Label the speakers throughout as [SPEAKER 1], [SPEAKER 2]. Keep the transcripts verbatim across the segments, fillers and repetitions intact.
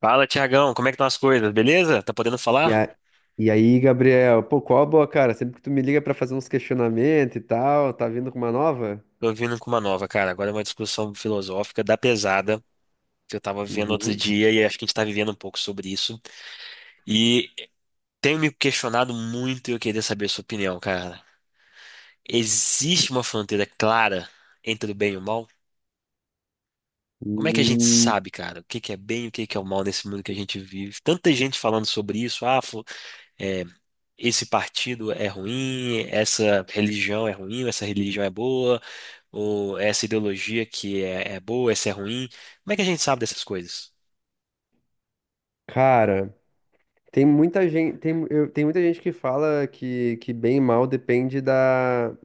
[SPEAKER 1] Fala, Tiagão, como é que estão as coisas? Beleza? Tá podendo
[SPEAKER 2] E,
[SPEAKER 1] falar?
[SPEAKER 2] a, e aí, Gabriel, pô, qual a boa, cara? Sempre que tu me liga pra fazer uns questionamentos e tal, tá vindo com uma nova?
[SPEAKER 1] Tô vindo com uma nova, cara. Agora é uma discussão filosófica da pesada que eu tava vivendo outro
[SPEAKER 2] Uhum.
[SPEAKER 1] dia e acho que a gente tá vivendo um pouco sobre isso. E tenho me questionado muito e eu queria saber a sua opinião, cara. Existe uma fronteira clara entre o bem e o mal? Como é que a gente
[SPEAKER 2] Hum,
[SPEAKER 1] sabe, cara, o que que é bem e o que que é o mal nesse mundo que a gente vive? Tanta gente falando sobre isso, ah, fu- é, esse partido é ruim, essa religião é ruim, essa religião é boa. Ou essa ideologia que é, é boa, essa é ruim. Como é que a gente sabe dessas coisas?
[SPEAKER 2] Cara, tem muita gente, tem, eu, tem muita gente que fala que, que bem e mal depende da,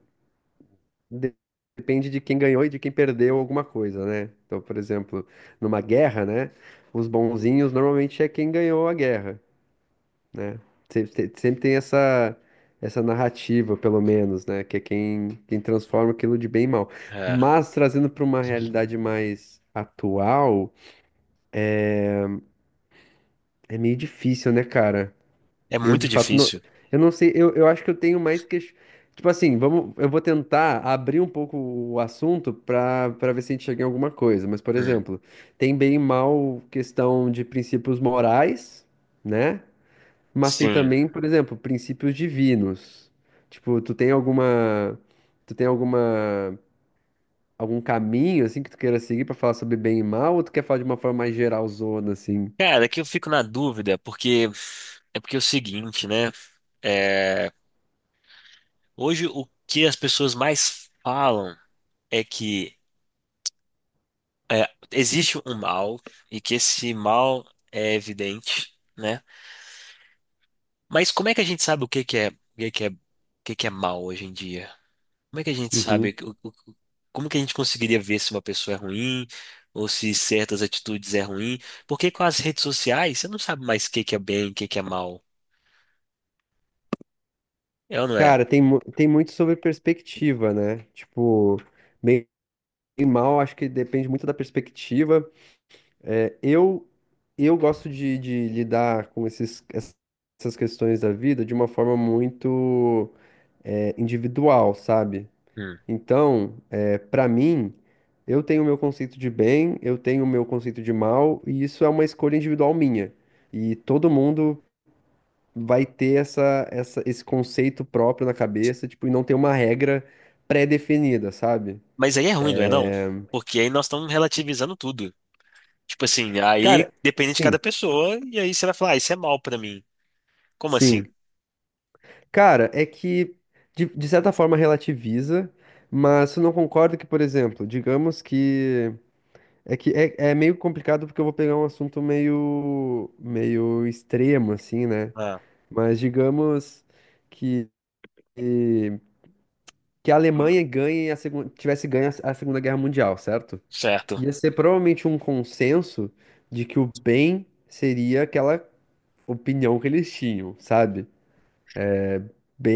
[SPEAKER 2] de- depende de quem ganhou e de quem perdeu alguma coisa, né? Então, por exemplo, numa guerra, né? Os bonzinhos normalmente é quem ganhou a guerra, né? Sempre, tem- sempre tem essa, essa narrativa, pelo menos, né? Que é quem, quem transforma aquilo de bem em mal.
[SPEAKER 1] É,
[SPEAKER 2] Mas trazendo para uma realidade mais atual, é meio difícil, né, cara?
[SPEAKER 1] é
[SPEAKER 2] Eu
[SPEAKER 1] muito
[SPEAKER 2] de fato não,
[SPEAKER 1] difícil.
[SPEAKER 2] eu não sei, eu, eu acho que eu tenho mais que Tipo assim, vamos, eu vou tentar abrir um pouco o assunto para para ver se a gente chega em alguma coisa. Mas, por
[SPEAKER 1] Hum,
[SPEAKER 2] exemplo, tem bem e mal questão de princípios morais, né? Mas tem
[SPEAKER 1] sim.
[SPEAKER 2] também, por exemplo, princípios divinos. Tipo, tu tem alguma, tu tem alguma, algum caminho assim que tu queira seguir pra falar sobre bem e mal, ou tu quer falar de uma forma mais geralzona assim?
[SPEAKER 1] Cara, é que eu fico na dúvida, porque é porque é o seguinte, né? É, hoje o que as pessoas mais falam é que é, existe um mal e que esse mal é evidente, né? Mas como é que a gente sabe o que que é, o que que é, o que que é mal hoje em dia? Como é que a gente
[SPEAKER 2] Uhum.
[SPEAKER 1] sabe? o- o- o- Como que a gente conseguiria ver se uma pessoa é ruim ou se certas atitudes é ruim? Porque com as redes sociais, você não sabe mais o que que é bem, o que que é mal. É ou não é?
[SPEAKER 2] Cara, tem, mu- tem muito sobre perspectiva, né? Tipo, bem e mal, acho que depende muito da perspectiva. É, eu eu gosto de, de lidar com esses, essas questões da vida de uma forma muito é, individual, sabe?
[SPEAKER 1] Hum.
[SPEAKER 2] Então, é, para mim, eu tenho o meu conceito de bem, eu tenho o meu conceito de mal, e isso é uma escolha individual minha. E todo mundo vai ter essa, essa- esse conceito próprio na cabeça, tipo, e não tem uma regra pré-definida, sabe?
[SPEAKER 1] Mas aí é ruim, não é não? Porque aí nós estamos relativizando tudo. Tipo assim, aí
[SPEAKER 2] Cara,
[SPEAKER 1] depende de cada
[SPEAKER 2] sim,
[SPEAKER 1] pessoa e aí você vai falar, ah, isso é mal pra mim. Como assim?
[SPEAKER 2] sim. Cara, é que de, de certa forma relativiza, mas eu não concordo que, por exemplo, digamos que é que é, é meio complicado porque eu vou pegar um assunto meio meio extremo assim, né?
[SPEAKER 1] Ah,
[SPEAKER 2] Mas digamos que, que a Alemanha ganhe a segunda, tivesse ganho a a Segunda Guerra Mundial, certo?
[SPEAKER 1] certo.
[SPEAKER 2] Ia ser provavelmente um consenso de que o bem seria aquela opinião que eles tinham, sabe?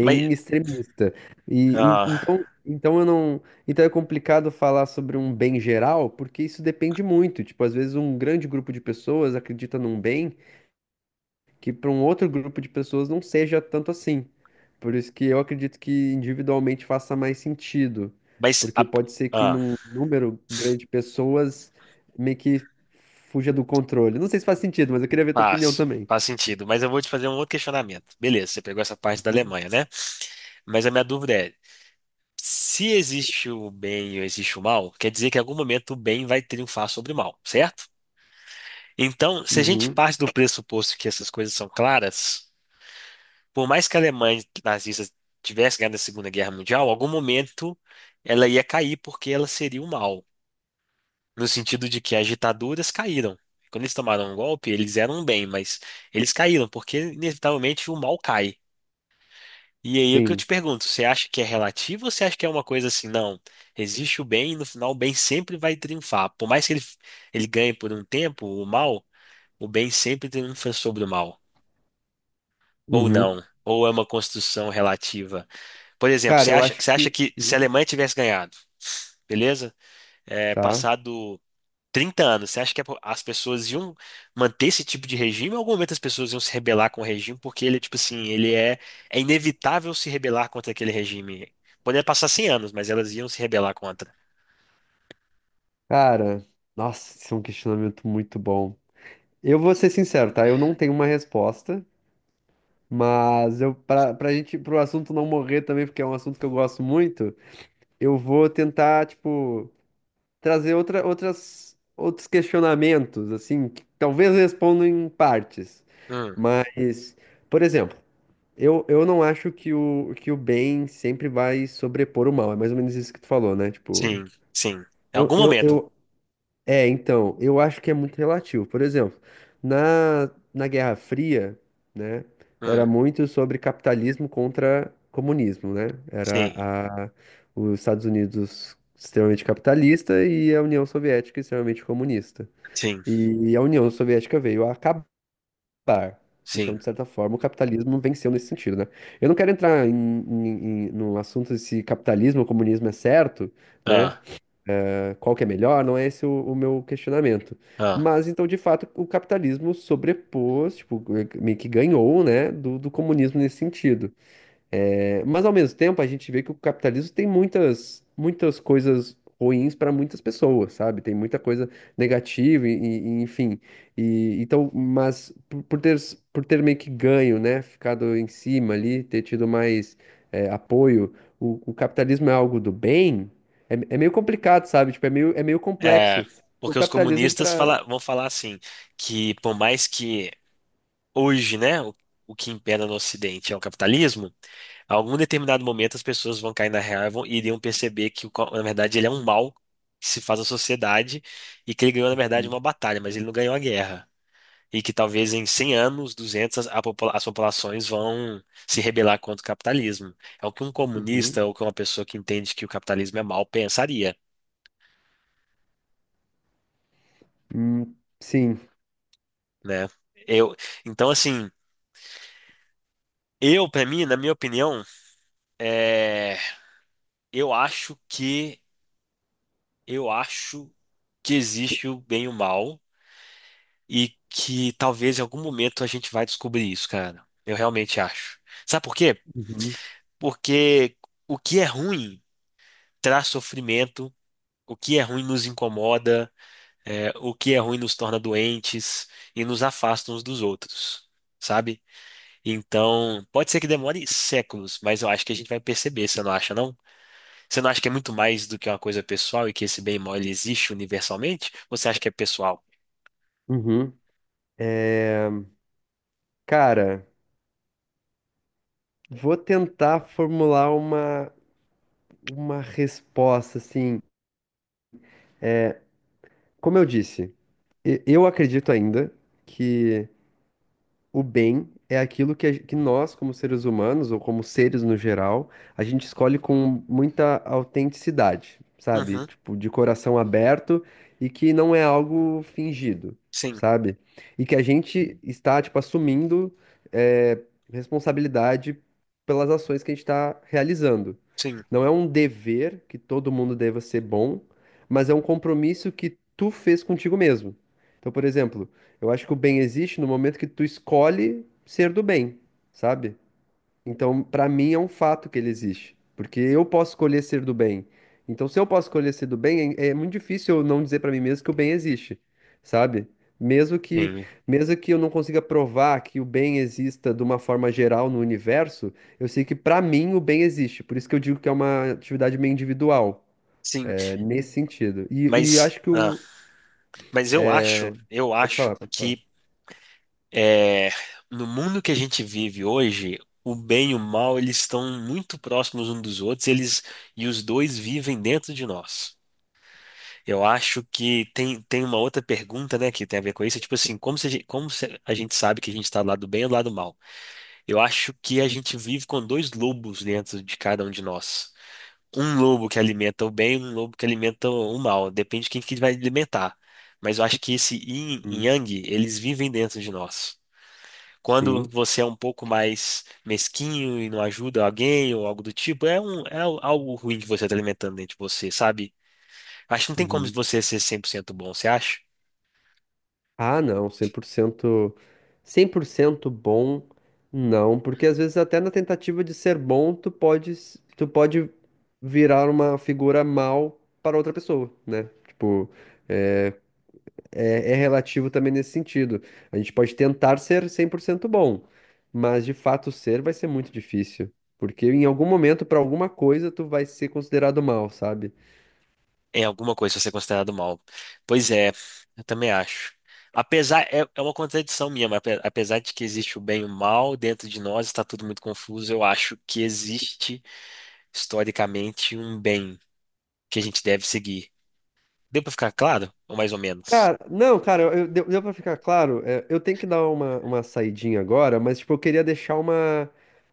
[SPEAKER 1] Mas,
[SPEAKER 2] extremista. E, e-
[SPEAKER 1] ah,
[SPEAKER 2] então, então eu não, então é complicado falar sobre um bem geral, porque isso depende muito. Tipo, às vezes um grande grupo de pessoas acredita num bem que para um outro grupo de pessoas não seja tanto assim. Por isso que eu acredito que individualmente faça mais sentido,
[SPEAKER 1] mas
[SPEAKER 2] porque
[SPEAKER 1] a-
[SPEAKER 2] pode ser que
[SPEAKER 1] ah,
[SPEAKER 2] num número grande de pessoas meio que fuja do controle. Não sei se faz sentido, mas eu queria ver tua opinião
[SPEAKER 1] faz,
[SPEAKER 2] também.
[SPEAKER 1] faz sentido. Mas eu vou te fazer um outro questionamento. Beleza, você pegou essa parte da
[SPEAKER 2] Uhum.
[SPEAKER 1] Alemanha, né? Mas a minha dúvida é se existe o bem e existe o mal, quer dizer que em algum momento o bem vai triunfar sobre o mal, certo? Então, se a gente
[SPEAKER 2] Uhum,
[SPEAKER 1] parte do pressuposto que essas coisas são claras, por mais que a Alemanha nazista tivesse ganhado a Segunda Guerra Mundial, em algum momento ela ia cair porque ela seria o mal, no sentido de que as ditaduras caíram. Quando eles tomaram um golpe, eles eram um bem, mas eles caíram porque inevitavelmente o mal cai. E aí o que eu te
[SPEAKER 2] sim.
[SPEAKER 1] pergunto, você acha que é relativo ou você acha que é uma coisa assim, não, existe o bem e no final o bem sempre vai triunfar. Por mais que ele, ele ganhe por um tempo o mal, o bem sempre triunfa sobre o mal. Ou
[SPEAKER 2] Uhum.
[SPEAKER 1] não, ou é uma construção relativa. Por exemplo,
[SPEAKER 2] Cara,
[SPEAKER 1] você
[SPEAKER 2] eu
[SPEAKER 1] acha,
[SPEAKER 2] acho
[SPEAKER 1] você acha
[SPEAKER 2] que.
[SPEAKER 1] que se a
[SPEAKER 2] Uhum.
[SPEAKER 1] Alemanha tivesse ganhado, beleza? É,
[SPEAKER 2] Tá.
[SPEAKER 1] passado trinta anos, você acha que as pessoas iam manter esse tipo de regime? Ou em algum momento as pessoas iam se rebelar com o regime? Porque ele, tipo assim, ele é, é inevitável se rebelar contra aquele regime. Poderia passar cem anos, mas elas iam se rebelar contra.
[SPEAKER 2] Cara, nossa, isso é um questionamento muito bom. Eu vou ser sincero, tá? Eu não tenho uma resposta, mas eu, pra, pra gente, pro assunto não morrer também, porque é um assunto que eu gosto muito, eu vou tentar, tipo, trazer outra, outras, outros questionamentos, assim, que talvez respondam em partes.
[SPEAKER 1] Hum,
[SPEAKER 2] Mas, por exemplo, eu, eu não acho que o, que o bem sempre vai sobrepor o mal. É mais ou menos isso que tu falou, né? Tipo,
[SPEAKER 1] sim, sim. Em
[SPEAKER 2] eu,
[SPEAKER 1] algum
[SPEAKER 2] eu,
[SPEAKER 1] momento.
[SPEAKER 2] eu é, então, eu acho que é muito relativo. Por exemplo, na, na Guerra Fria, né, era
[SPEAKER 1] Hum,
[SPEAKER 2] muito sobre capitalismo contra comunismo, né? Era
[SPEAKER 1] sim,
[SPEAKER 2] a, os Estados Unidos extremamente capitalista e a União Soviética extremamente comunista.
[SPEAKER 1] sim,
[SPEAKER 2] E a União Soviética veio a acabar. Então,
[SPEAKER 1] sim.
[SPEAKER 2] de certa forma, o capitalismo venceu nesse sentido, né? Eu não quero entrar em, em- em- no assunto se capitalismo ou comunismo é certo, né?
[SPEAKER 1] Ah,
[SPEAKER 2] Ah, qual que é melhor, não é esse o, o meu questionamento.
[SPEAKER 1] ah.
[SPEAKER 2] Mas então, de fato, o capitalismo sobrepôs, tipo, meio que ganhou, né, do, do comunismo nesse sentido. É, mas ao mesmo tempo a gente vê que o capitalismo tem muitas, muitas coisas ruins para muitas pessoas, sabe? Tem muita coisa negativa e, e- enfim. E, então, mas por, por ter, por ter meio que ganho, né? Ficado em cima ali, ter tido mais é, apoio, o, o capitalismo é algo do bem? É, é meio complicado, sabe? Tipo, é meio, é meio
[SPEAKER 1] É,
[SPEAKER 2] complexo. O
[SPEAKER 1] porque os
[SPEAKER 2] capitalismo
[SPEAKER 1] comunistas
[SPEAKER 2] para.
[SPEAKER 1] fala- vão falar assim, que por mais que hoje, né, o, o que impera no Ocidente é o capitalismo, a algum determinado momento as pessoas vão cair na real e vão- e iriam perceber que, o co- na verdade, ele é um mal que se faz à sociedade e que ele ganhou, na verdade,
[SPEAKER 2] Uhum.
[SPEAKER 1] uma batalha, mas ele não ganhou a guerra. E que talvez em cem anos, duzentos, a popula- as populações vão se rebelar contra o capitalismo. É o que um
[SPEAKER 2] Uhum.
[SPEAKER 1] comunista ou que uma pessoa que entende que o capitalismo é mal pensaria,
[SPEAKER 2] Hum, sim.
[SPEAKER 1] né? Eu, então, assim, eu, pra mim, na minha opinião, é, eu acho que Eu acho que existe o bem e o mal e que talvez em algum momento a gente vai descobrir isso, cara. Eu realmente acho. Sabe por quê?
[SPEAKER 2] Uhum.
[SPEAKER 1] Porque o que é ruim traz sofrimento, o que é ruim nos incomoda, é, o que é ruim nos torna doentes e nos afasta uns dos outros, sabe? Então, pode ser que demore séculos, mas eu acho que a gente vai perceber, você não acha, não? Você não acha que é muito mais do que uma coisa pessoal e que esse bem e mal ele existe universalmente? Ou você acha que é pessoal?
[SPEAKER 2] Uhum. É, cara. Vou tentar formular uma, uma resposta, assim. Como eu disse, e- eu acredito ainda que o bem é aquilo que, a que nós, como seres humanos, ou como seres no geral, a gente escolhe com muita autenticidade, sabe?
[SPEAKER 1] Uhum.
[SPEAKER 2] Tipo, de coração aberto e que não é algo fingido,
[SPEAKER 1] Sim,
[SPEAKER 2] sabe? E que a gente está, tipo, assumindo, eh, responsabilidade pelas ações que a gente está realizando.
[SPEAKER 1] sim,
[SPEAKER 2] Não é um dever que todo mundo deva ser bom, mas é um compromisso que tu fez contigo mesmo. Então, por exemplo. Eu acho que o bem existe no momento que tu escolhe ser do bem, sabe? Então, pra mim é um fato que ele existe, porque eu posso escolher ser do bem. Então, se eu posso escolher ser do bem, é é muito difícil eu não dizer pra mim mesmo que o bem existe, sabe? Mesmo que,
[SPEAKER 1] sim.
[SPEAKER 2] mesmo que eu não consiga provar que o bem exista de uma forma geral no universo, eu sei que pra mim o bem existe. Por isso que eu digo que é uma atividade meio individual,
[SPEAKER 1] Sim.
[SPEAKER 2] é, nesse sentido. E, e
[SPEAKER 1] Mas,
[SPEAKER 2] acho que
[SPEAKER 1] ah,
[SPEAKER 2] o.
[SPEAKER 1] mas eu acho, eu
[SPEAKER 2] Pode
[SPEAKER 1] acho
[SPEAKER 2] falar, pode falar.
[SPEAKER 1] que é, no mundo que a gente vive hoje, o bem e o mal, eles estão muito próximos uns dos outros, eles e os dois vivem dentro de nós. Eu acho que tem, tem uma outra pergunta, né, que tem a ver com isso, tipo assim, como se, a gen- como se a gente sabe que a gente está do lado do bem ou do lado do mal? Eu acho que a gente vive com dois lobos dentro de cada um de nós. Um lobo que alimenta o bem e um lobo que alimenta o mal. Depende de quem que vai alimentar. Mas eu acho que esse yin e
[SPEAKER 2] Hum.
[SPEAKER 1] yang, eles vivem dentro de nós. Quando
[SPEAKER 2] Sim.
[SPEAKER 1] você é um pouco mais mesquinho e não ajuda alguém ou algo do tipo, é, um, é algo ruim que você está alimentando dentro de você, sabe? Acho que não tem como
[SPEAKER 2] Uhum.
[SPEAKER 1] você ser cem por cento bom, você acha?
[SPEAKER 2] Ah, não, cem cem por cento, cem por cento bom, não, porque às vezes até na tentativa de ser bom, tu pode, s- tu pode virar uma figura mal para outra pessoa, né? Tipo, é, é, é relativo também nesse sentido. A gente pode tentar ser cem por cento bom, mas de fato ser vai ser muito difícil, porque em algum momento, para alguma coisa, tu vai ser considerado mal, sabe?
[SPEAKER 1] Em alguma coisa vai ser considerado mal. Pois é, eu também acho. Apesar, é, é uma contradição minha, mas ape- apesar de que existe o bem e o mal dentro de nós, está tudo muito confuso, eu acho que existe historicamente um bem que a gente deve seguir. Deu para ficar claro? Ou mais ou menos?
[SPEAKER 2] Cara, não, cara, eu, eu- deu, deu pra ficar claro. É, eu tenho que dar uma, uma saidinha agora, mas, tipo, eu queria deixar uma,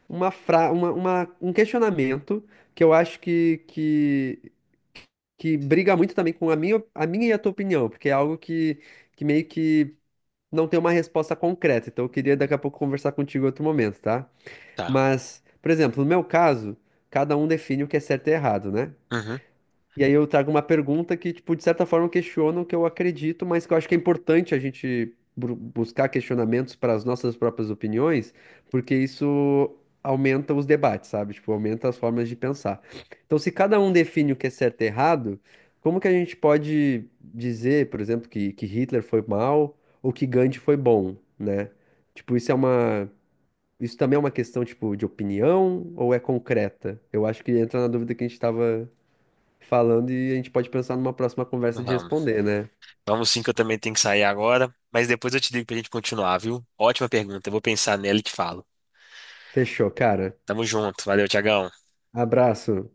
[SPEAKER 2] uma, fra, uma, uma- um questionamento que eu acho que, que, que briga muito também com a minha, a minha e a tua opinião, porque é algo que, que meio que não tem uma resposta concreta, então eu queria daqui a pouco conversar contigo em outro momento, tá?
[SPEAKER 1] Tá.
[SPEAKER 2] Mas, por exemplo, no meu caso, cada um define o que é certo e errado, né?
[SPEAKER 1] Uhum.
[SPEAKER 2] E aí eu trago uma pergunta que, tipo, de certa forma questiona o que eu acredito, mas que eu acho que é importante a gente bru- buscar questionamentos para as nossas próprias opiniões, porque isso aumenta os debates, sabe? Tipo, aumenta as formas de pensar. Então, se cada um define o que é certo e errado, como que a gente pode dizer, por exemplo, que, que Hitler foi mal ou que Gandhi foi bom, né? Tipo, isso é uma... Isso também é uma questão, tipo, de opinião ou é concreta? Eu acho que entra na dúvida que a gente estava falando e a gente pode pensar numa próxima conversa de
[SPEAKER 1] Vamos.
[SPEAKER 2] responder, né?
[SPEAKER 1] Vamos sim, que eu também tenho que sair agora, mas depois eu te digo pra gente continuar, viu? Ótima pergunta, eu vou pensar nela e te falo.
[SPEAKER 2] Fechou, cara.
[SPEAKER 1] Tamo junto, valeu, Tiagão.
[SPEAKER 2] Abraço.